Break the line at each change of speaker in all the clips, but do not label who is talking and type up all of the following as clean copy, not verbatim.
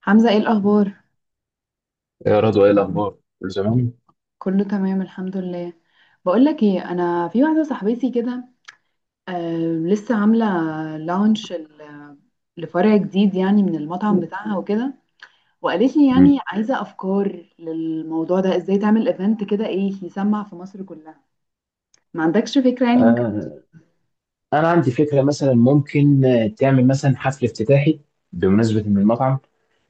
حمزة، ايه الأخبار؟
يا رضوى، ايه الاخبار؟ كل زمان.
كله تمام الحمد لله. بقولك ايه، أنا في واحدة صاحبتي كده، آه، لسه عاملة لانش لفرع جديد يعني من المطعم بتاعها وكده، وقالت لي يعني
مم.
عايزة أفكار للموضوع ده، ازاي تعمل ايفنت كده ايه يسمع في مصر كلها. ما عندكش فكرة يعني ممكن؟
آه، أنا عندي فكرة مثلا، ممكن تعمل مثلا حفل افتتاحي بمناسبة من المطعم.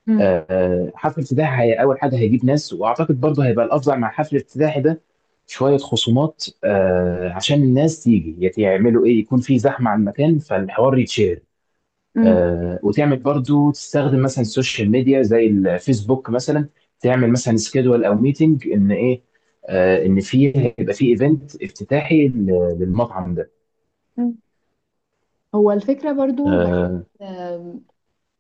مم.
حفل افتتاحي هي أول حاجة هيجيب ناس، وأعتقد برضه هيبقى الأفضل مع حفل الافتتاحي ده شوية خصومات. عشان الناس تيجي يعملوا إيه، يكون في زحمة على المكان فالحوار يتشهر.
مم.
وتعمل برضو تستخدم مثلا السوشيال ميديا زي الفيسبوك مثلا. تعمل مثلا سكيدول او ميتنج ان ايه، ان فيه، هيبقى فيه ايفنت افتتاحي للمطعم ده.
مم. هو الفكرة برضو بحس
آه،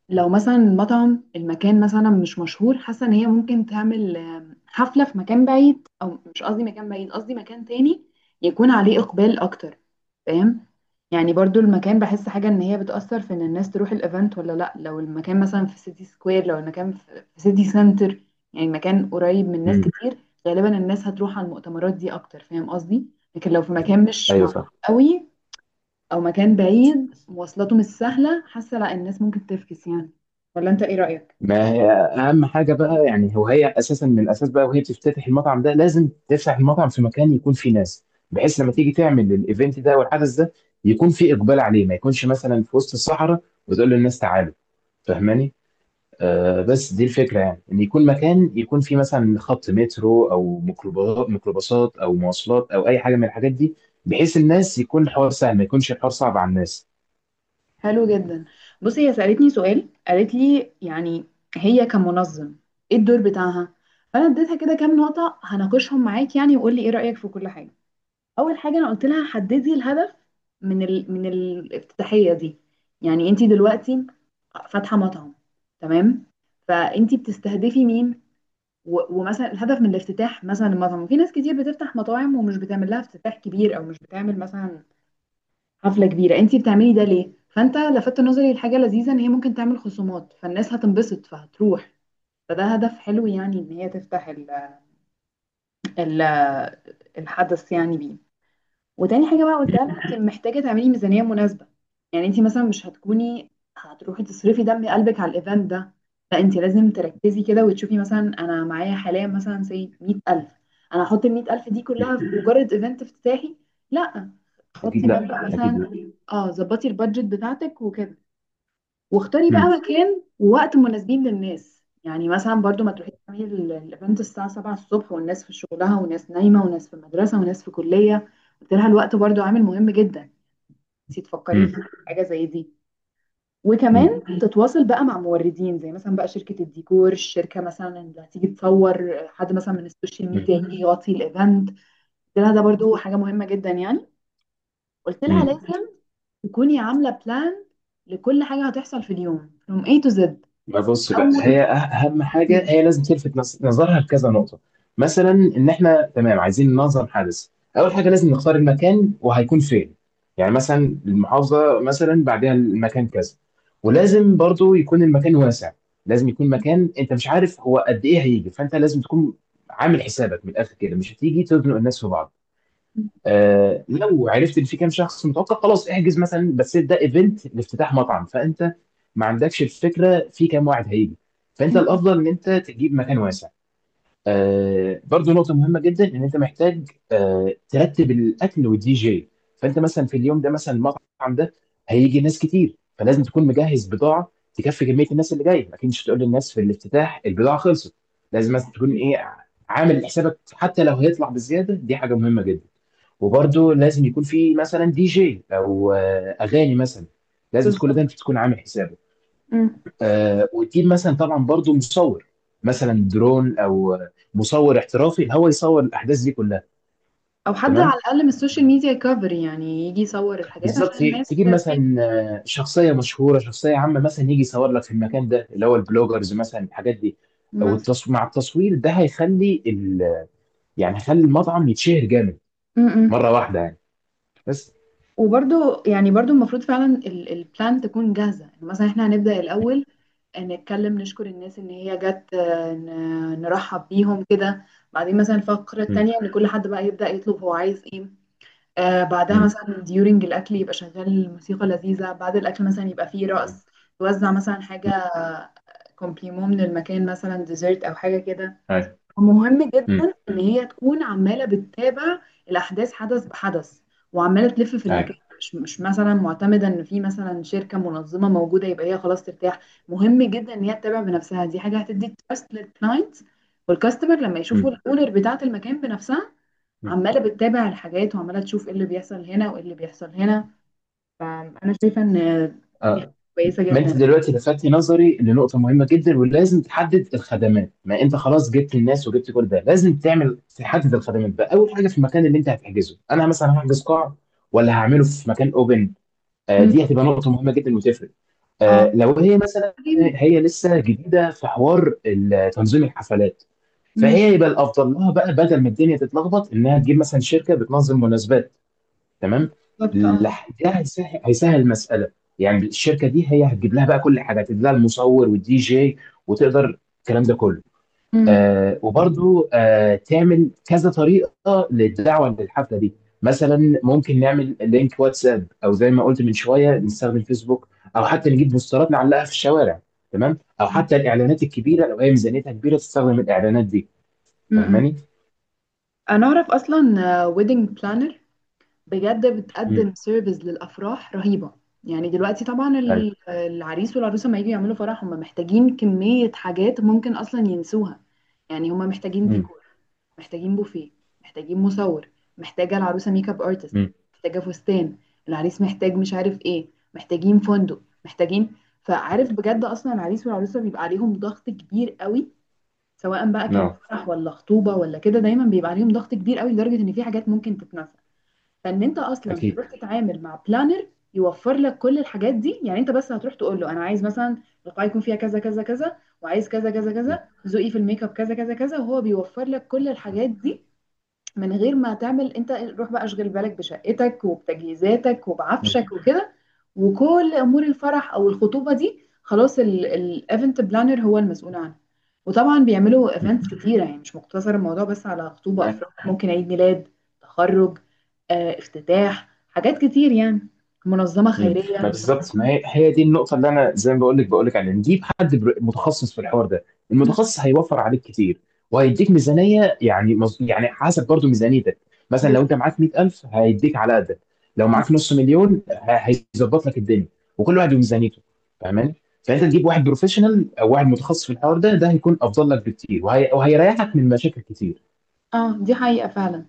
لو مثلا المطعم المكان مثلا مش مشهور، حاسه ان هي ممكن تعمل حفله في مكان بعيد، او مش قصدي مكان بعيد، قصدي مكان تاني يكون عليه اقبال اكتر. فاهم؟ يعني برضو المكان بحس حاجه ان هي بتاثر في ان الناس تروح الايفنت ولا لا. لو المكان مثلا في سيتي سكوير، لو المكان في سيتي سنتر، يعني مكان قريب من ناس
مم،
كتير، غالبا الناس هتروح على المؤتمرات دي اكتر. فاهم قصدي؟ لكن لو في مكان مش
ايوه
معروف
فاهم.
قوي، او مكان بعيد مواصلاته مش سهله، حاسه لا، الناس ممكن تفكس يعني. ولا انت ايه رايك؟
ما هي اهم حاجه بقى، يعني هو هي اساسا من الاساس بقى وهي بتفتتح المطعم ده، لازم تفتح المطعم في مكان يكون فيه ناس، بحيث لما تيجي تعمل الايفنت ده او الحدث ده، يكون فيه اقبال عليه، ما يكونش مثلا في وسط الصحراء وتقول للناس تعالوا. فاهماني؟ بس دي الفكرة، يعني إن يكون مكان يكون فيه مثلا خط مترو أو ميكروباصات أو مواصلات أو أي حاجة من الحاجات دي، بحيث الناس يكون الحوار سهل، ما يكونش الحوار صعب على الناس.
حلو جدا. بصي، هي سالتني سؤال، قالت لي يعني هي كمنظم ايه الدور بتاعها. فانا اديتها كده كام نقطه هناقشهم معاك يعني، وقول لي ايه رايك في كل حاجه. اول حاجه انا قلت لها حددي الهدف من من الافتتاحيه دي. يعني انت دلوقتي فاتحه مطعم، تمام؟ فانت بتستهدفي مين؟ ومثلا الهدف من الافتتاح، مثلا المطعم في ناس كتير بتفتح مطاعم ومش بتعمل لها افتتاح كبير، او مش بتعمل مثلا حفلة كبيرة. انت بتعملي ده ليه؟ فانت لفت نظري لحاجة لذيذة، ان هي ممكن تعمل خصومات فالناس هتنبسط فهتروح. فده هدف حلو يعني، ان هي تفتح ال الحدث يعني بيه. وتاني حاجة بقى
مم.
قلتها لها، انت محتاجة تعملي ميزانية مناسبة. يعني انت مثلا مش هتكوني هتروحي تصرفي دم قلبك على الايفنت ده. لا، انت لازم تركزي كده وتشوفي، مثلا انا معايا حاليا مثلا زي 100,000. انا هحط ال 100,000 دي كلها في مجرد ايفنت افتتاحي؟ لا،
أكيد
حطي
لا،
مبلغ
أكيد
مثلا.
لا.
اه، ظبطي البادجت بتاعتك وكده. واختاري بقى
مم.
مكان ووقت مناسبين للناس، يعني مثلا برضو ما تروحيش تعملي الايفنت الساعة 7 الصبح والناس في شغلها وناس نايمة وناس في المدرسة وناس في كلية. قلت لها الوقت برضو عامل مهم جدا، نسيت تفكري في
مم.
حاجة زي دي.
مم.
وكمان تتواصل بقى مع موردين زي مثلا بقى شركة الديكور، الشركة مثلا اللي هتيجي تصور، حد مثلا من السوشيال
مم.
ميديا يجي يغطي الايفنت. قلت لها ده برضو حاجة مهمة جدا يعني. قلت لها
مم.
لازم تكوني عاملة بلان لكل حاجة هتحصل في اليوم from A to Z.
ما بص بقى، هي
أول.
اهم حاجه هي لازم تلفت نظرها لكذا نقطه، مثلا ان احنا تمام، عايزين ننظم حدث. اول حاجه لازم نختار المكان وهيكون فين، يعني مثلا المحافظه، مثلا بعدها المكان كذا، ولازم برضو يكون المكان واسع. لازم يكون مكان انت مش عارف هو قد ايه هيجي، فانت لازم تكون عامل حسابك من الاخر كده، مش هتيجي تزنق الناس في بعض.
مم.
لو عرفت ان في كام شخص متوقع، خلاص احجز مثلا، بس ده ايفنت لافتتاح مطعم، فانت ما عندكش الفكره في كام واحد هيجي، فانت الافضل ان انت تجيب مكان واسع. برضو نقطه مهمه جدا، ان انت محتاج ترتب الاكل والدي جي. فانت مثلا في اليوم ده، مثلا المطعم ده هيجي ناس كتير، فلازم تكون مجهز بضاعه تكفي كميه الناس اللي جايه، اكيد مش هتقول للناس في الافتتاح البضاعه خلصت. لازم مثلا تكون
أكيد.
ايه، عامل حسابك، حتى لو هيطلع بزياده، دي حاجه مهمه جدا. وبرده لازم يكون في مثلا دي جي او اغاني مثلا، لازم كل ده
بالظبط.
انت تكون عامل حسابه.
مم.
وتجيب مثلا طبعا برضو مصور، مثلا درون او مصور احترافي هو يصور الاحداث دي كلها.
او حد على
تمام،
الاقل من السوشيال ميديا يكفر يعني، يجي يصور الحاجات
بالظبط.
عشان الناس
تجيب
تسيب.
مثلا شخصيه مشهوره، شخصيه عامه، مثلا يجي يصور لك في المكان ده اللي هو البلوجرز مثلا، الحاجات دي.
مثلا.
مع التصوير ده هيخلي يعني هيخلي المطعم يتشهر جامد
مم.
مره واحده يعني. بس.
وبرضو يعني برضو المفروض فعلا البلان تكون جاهزة، يعني مثلا احنا هنبدأ الأول نتكلم، نشكر الناس ان هي جت، نرحب بيهم كده. بعدين مثلا الفقرة التانية
مم.
ان كل حد بقى يبدأ يطلب هو عايز ايه. بعدها
مم.
مثلا ديورنج الأكل يبقى شغال موسيقى لذيذة، بعد الأكل مثلا يبقى فيه
مم.
رقص. توزع مثلا
مم.
حاجة كومبليمون من المكان، مثلا ديزرت أو حاجة كده.
أيوة.
ومهم
مم.
جدا إن هي تكون عمالة بتتابع الأحداث حدث بحدث، وعمالة تلف في المكان،
أيوة.
مش مثلا معتمدة إن في مثلا شركة منظمة موجودة يبقى هي خلاص ترتاح. مهم جدا إن هي تتابع بنفسها، دي حاجة هتدي تراست للكلاينت والكاستمر لما يشوفوا
مم.
الأونر بتاعة المكان بنفسها
مم.
عماله بتتابع الحاجات، وعماله تشوف ايه اللي بيحصل هنا وايه اللي بيحصل هنا. فانا شايفه ان دي حاجه
آه.
كويسه
ما انت
جدا.
دلوقتي لفتت نظري لنقطه مهمه جدا، ولازم تحدد الخدمات. ما انت خلاص جبت الناس وجبت كل ده، لازم تعمل تحدد الخدمات بقى. اول حاجه في المكان اللي انت هتحجزه، انا مثلا هحجز قاعه ولا هعمله في مكان اوبن؟
امم.
دي هتبقى نقطه مهمه جدا وتفرق.
اه.
لو هي مثلا،
بعدين-.
هي لسه جديده في حوار تنظيم الحفلات،
امم.
فهي يبقى الافضل لها بقى بدل ما الدنيا تتلخبط انها تجيب مثلا شركه بتنظم مناسبات. تمام.
بالظبط. اه.
ده هيسهل المساله. يعني الشركه دي هي هتجيب لها بقى كل حاجه، هتجيب لها المصور والدي جي وتقدر الكلام ده كله.
امم.
وبرضو تعمل كذا طريقه للدعوه للحفله دي، مثلا ممكن نعمل لينك واتساب، او زي ما قلت من شويه نستخدم فيسبوك، او حتى نجيب بوسترات نعلقها في الشوارع. تمام. او
امم.
حتى الاعلانات الكبيره، لو هي ميزانيتها كبيره تستخدم الاعلانات دي.
أمم.
فاهماني؟
انا اعرف اصلا ويدنج بلانر بجد بتقدم
امم.
سيرفيس للافراح رهيبه. يعني دلوقتي طبعا
ايوه.
العريس والعروسه لما يجوا يعملوا فرح هم محتاجين كميه حاجات ممكن اصلا ينسوها. يعني هم محتاجين
امم.
ديكور، محتاجين بوفيه، محتاجين مصور، محتاجه العروسه ميك اب ارتست،
امم.
محتاجه فستان، العريس محتاج مش عارف ايه، محتاجين فندق، محتاجين. فعارف بجد اصلا العريس والعروسه بيبقى عليهم ضغط كبير قوي، سواء بقى كان
نعم.
فرح ولا خطوبه ولا كده، دايما بيبقى عليهم ضغط كبير قوي لدرجه ان في حاجات ممكن تتنسى. فان انت اصلا تروح
اكيد.
تتعامل مع بلانر، يوفر لك كل الحاجات دي. يعني انت بس هتروح تقول له انا عايز مثلا القاعه يكون فيها كذا كذا كذا، وعايز كذا كذا كذا، ذوقي في الميك اب كذا كذا كذا، وهو بيوفر لك كل
مم.
الحاجات دي من غير ما تعمل انت. روح بقى اشغل بالك بشقتك وبتجهيزاتك
مم.
وبعفشك وكده، وكل امور الفرح او الخطوبه دي خلاص الايفنت بلانر هو المسؤول عنها. وطبعا بيعملوا
مم.
ايفنتس كتيره، يعني مش مقتصر الموضوع بس على خطوبه
ما
افراح، ممكن عيد ميلاد، تخرج، افتتاح، حاجات كتير يعني، منظمه
مم. ما
خيريه.
بالظبط. ما هي، هي دي النقطة اللي أنا زي ما بقول لك عليها، نجيب حد متخصص في الحوار ده.
م- م.
المتخصص هيوفر عليك كتير، وهيديك ميزانية، يعني يعني حسب برضو ميزانيتك. مثلا لو أنت
بالظبط.
معاك 100,000 هيديك على قدك، لو معاك نص مليون هيظبط لك الدنيا. وكل واحد وميزانيته. فاهماني؟ فأنت تجيب واحد بروفيشنال أو واحد متخصص في الحوار ده، ده هيكون أفضل لك بكتير، وهيريحك من مشاكل كتير.
اه، دي حقيقه فعلا.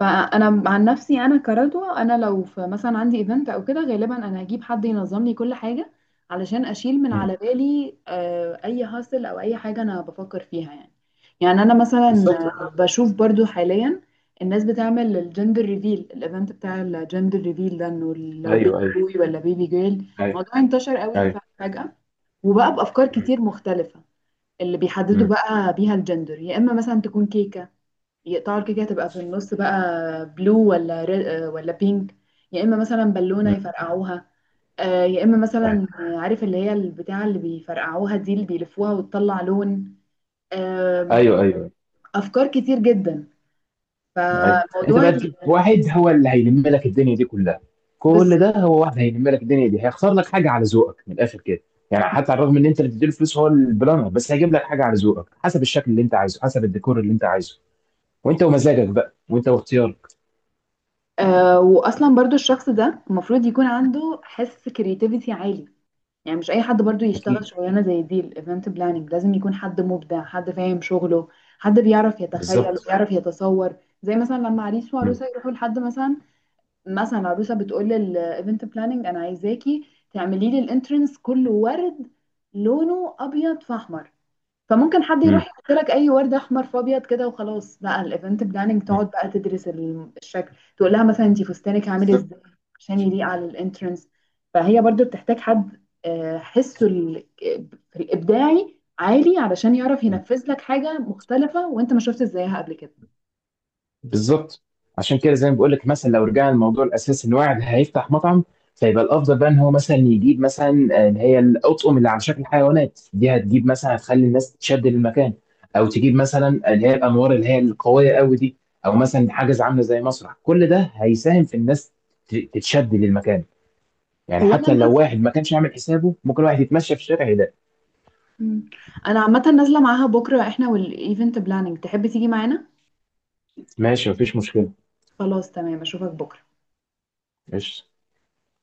فانا عن نفسي انا كردوة، انا لو في مثلا عندي ايفنت او كده، غالبا انا هجيب حد ينظم لي كل حاجه، علشان اشيل من على
مم.
بالي اي هاسل او اي حاجه انا بفكر فيها يعني. يعني انا مثلا
بالظبط.
بشوف برضو حاليا الناس بتعمل الجندر ريفيل، الايفنت بتاع الجندر ريفيل ده، انه لو بيبي
أيوه، أيوه،
بوي ولا بيبي جيل.
أيوه،
الموضوع انتشر قوي
أيوه.
فجأة، وبقى بافكار
مم.
كتير مختلفه اللي بيحددوا بقى بيها الجندر. يا اما مثلا تكون كيكه، يقطعوا الكيكة تبقى في النص بقى بلو ولا ري... آه، ولا بينك. يا إما مثلا بالونة
مم.
يفرقعوها. يا إما
مم.
مثلا عارف اللي هي البتاعة اللي بيفرقعوها دي، اللي بيلفوها وتطلع لون. آم،
ايوه، ايوه،
أفكار كتير جدا.
ايوه. انت
فموضوع
بقى تجيب واحد هو اللي هيلم لك الدنيا دي كلها. كل
بالظبط.
ده، هو واحد هيلم لك الدنيا دي، هيخسر لك حاجه على ذوقك من الاخر كده. يعني حتى على الرغم ان انت اللي بتديله فلوس، هو البلانر بس هيجيب لك حاجه على ذوقك، حسب الشكل اللي انت عايزه، حسب الديكور اللي انت عايزه. وانت ومزاجك بقى، وانت واختيارك.
وأصلا برضو الشخص ده المفروض يكون عنده حس كرياتيفيتي عالي، يعني مش اي حد برضو يشتغل
اكيد،
شغلانه زي دي. الايفنت بلاننج لازم يكون حد مبدع، حد فاهم شغله، حد بيعرف يتخيل
بالظبط.
وبيعرف يتصور. زي مثلا لما عريس
مم.
وعروسه يروحوا لحد مثلا، مثلا عروسه بتقول للايفنت بلاننج انا عايزاكي تعملي لي الانترنس كله ورد، لونه ابيض فاحمر. فممكن حد
مم.
يروح يحط لك اي ورد احمر في ابيض كده وخلاص، بقى الايفنت بلاننج
مم.
تقعد بقى تدرس الشكل، تقول لها مثلا انت فستانك عامل
بالظبط،
ازاي عشان يليق على الانترنس. فهي برضو بتحتاج حد حسه في الابداعي عالي، علشان يعرف ينفذ لك حاجه مختلفه وانت ما شفتش زيها قبل كده.
بالظبط. عشان كده زي ما بقول لك، مثلا لو رجعنا للموضوع الاساسي ان واحد هيفتح مطعم، فيبقى الافضل بقى ان هو مثلا يجيب مثلا اللي هي الاطقم اللي على شكل حيوانات دي، هتجيب مثلا هتخلي الناس تشد للمكان. او تجيب مثلا اللي هي الانوار اللي هي القويه قوي دي، او مثلا حاجز عامله زي مسرح. كل ده هيساهم في الناس تتشد للمكان. يعني
هو انا
حتى لو
نازله.
واحد ما كانش عامل حسابه، ممكن واحد يتمشى في الشارع يلاقي.
مم. انا عامه نازله معاها بكره، احنا والايفنت بلاننج. تحب تيجي معانا؟
ماشي، مفيش مشكله.
خلاص تمام، اشوفك بكره.
قشطه.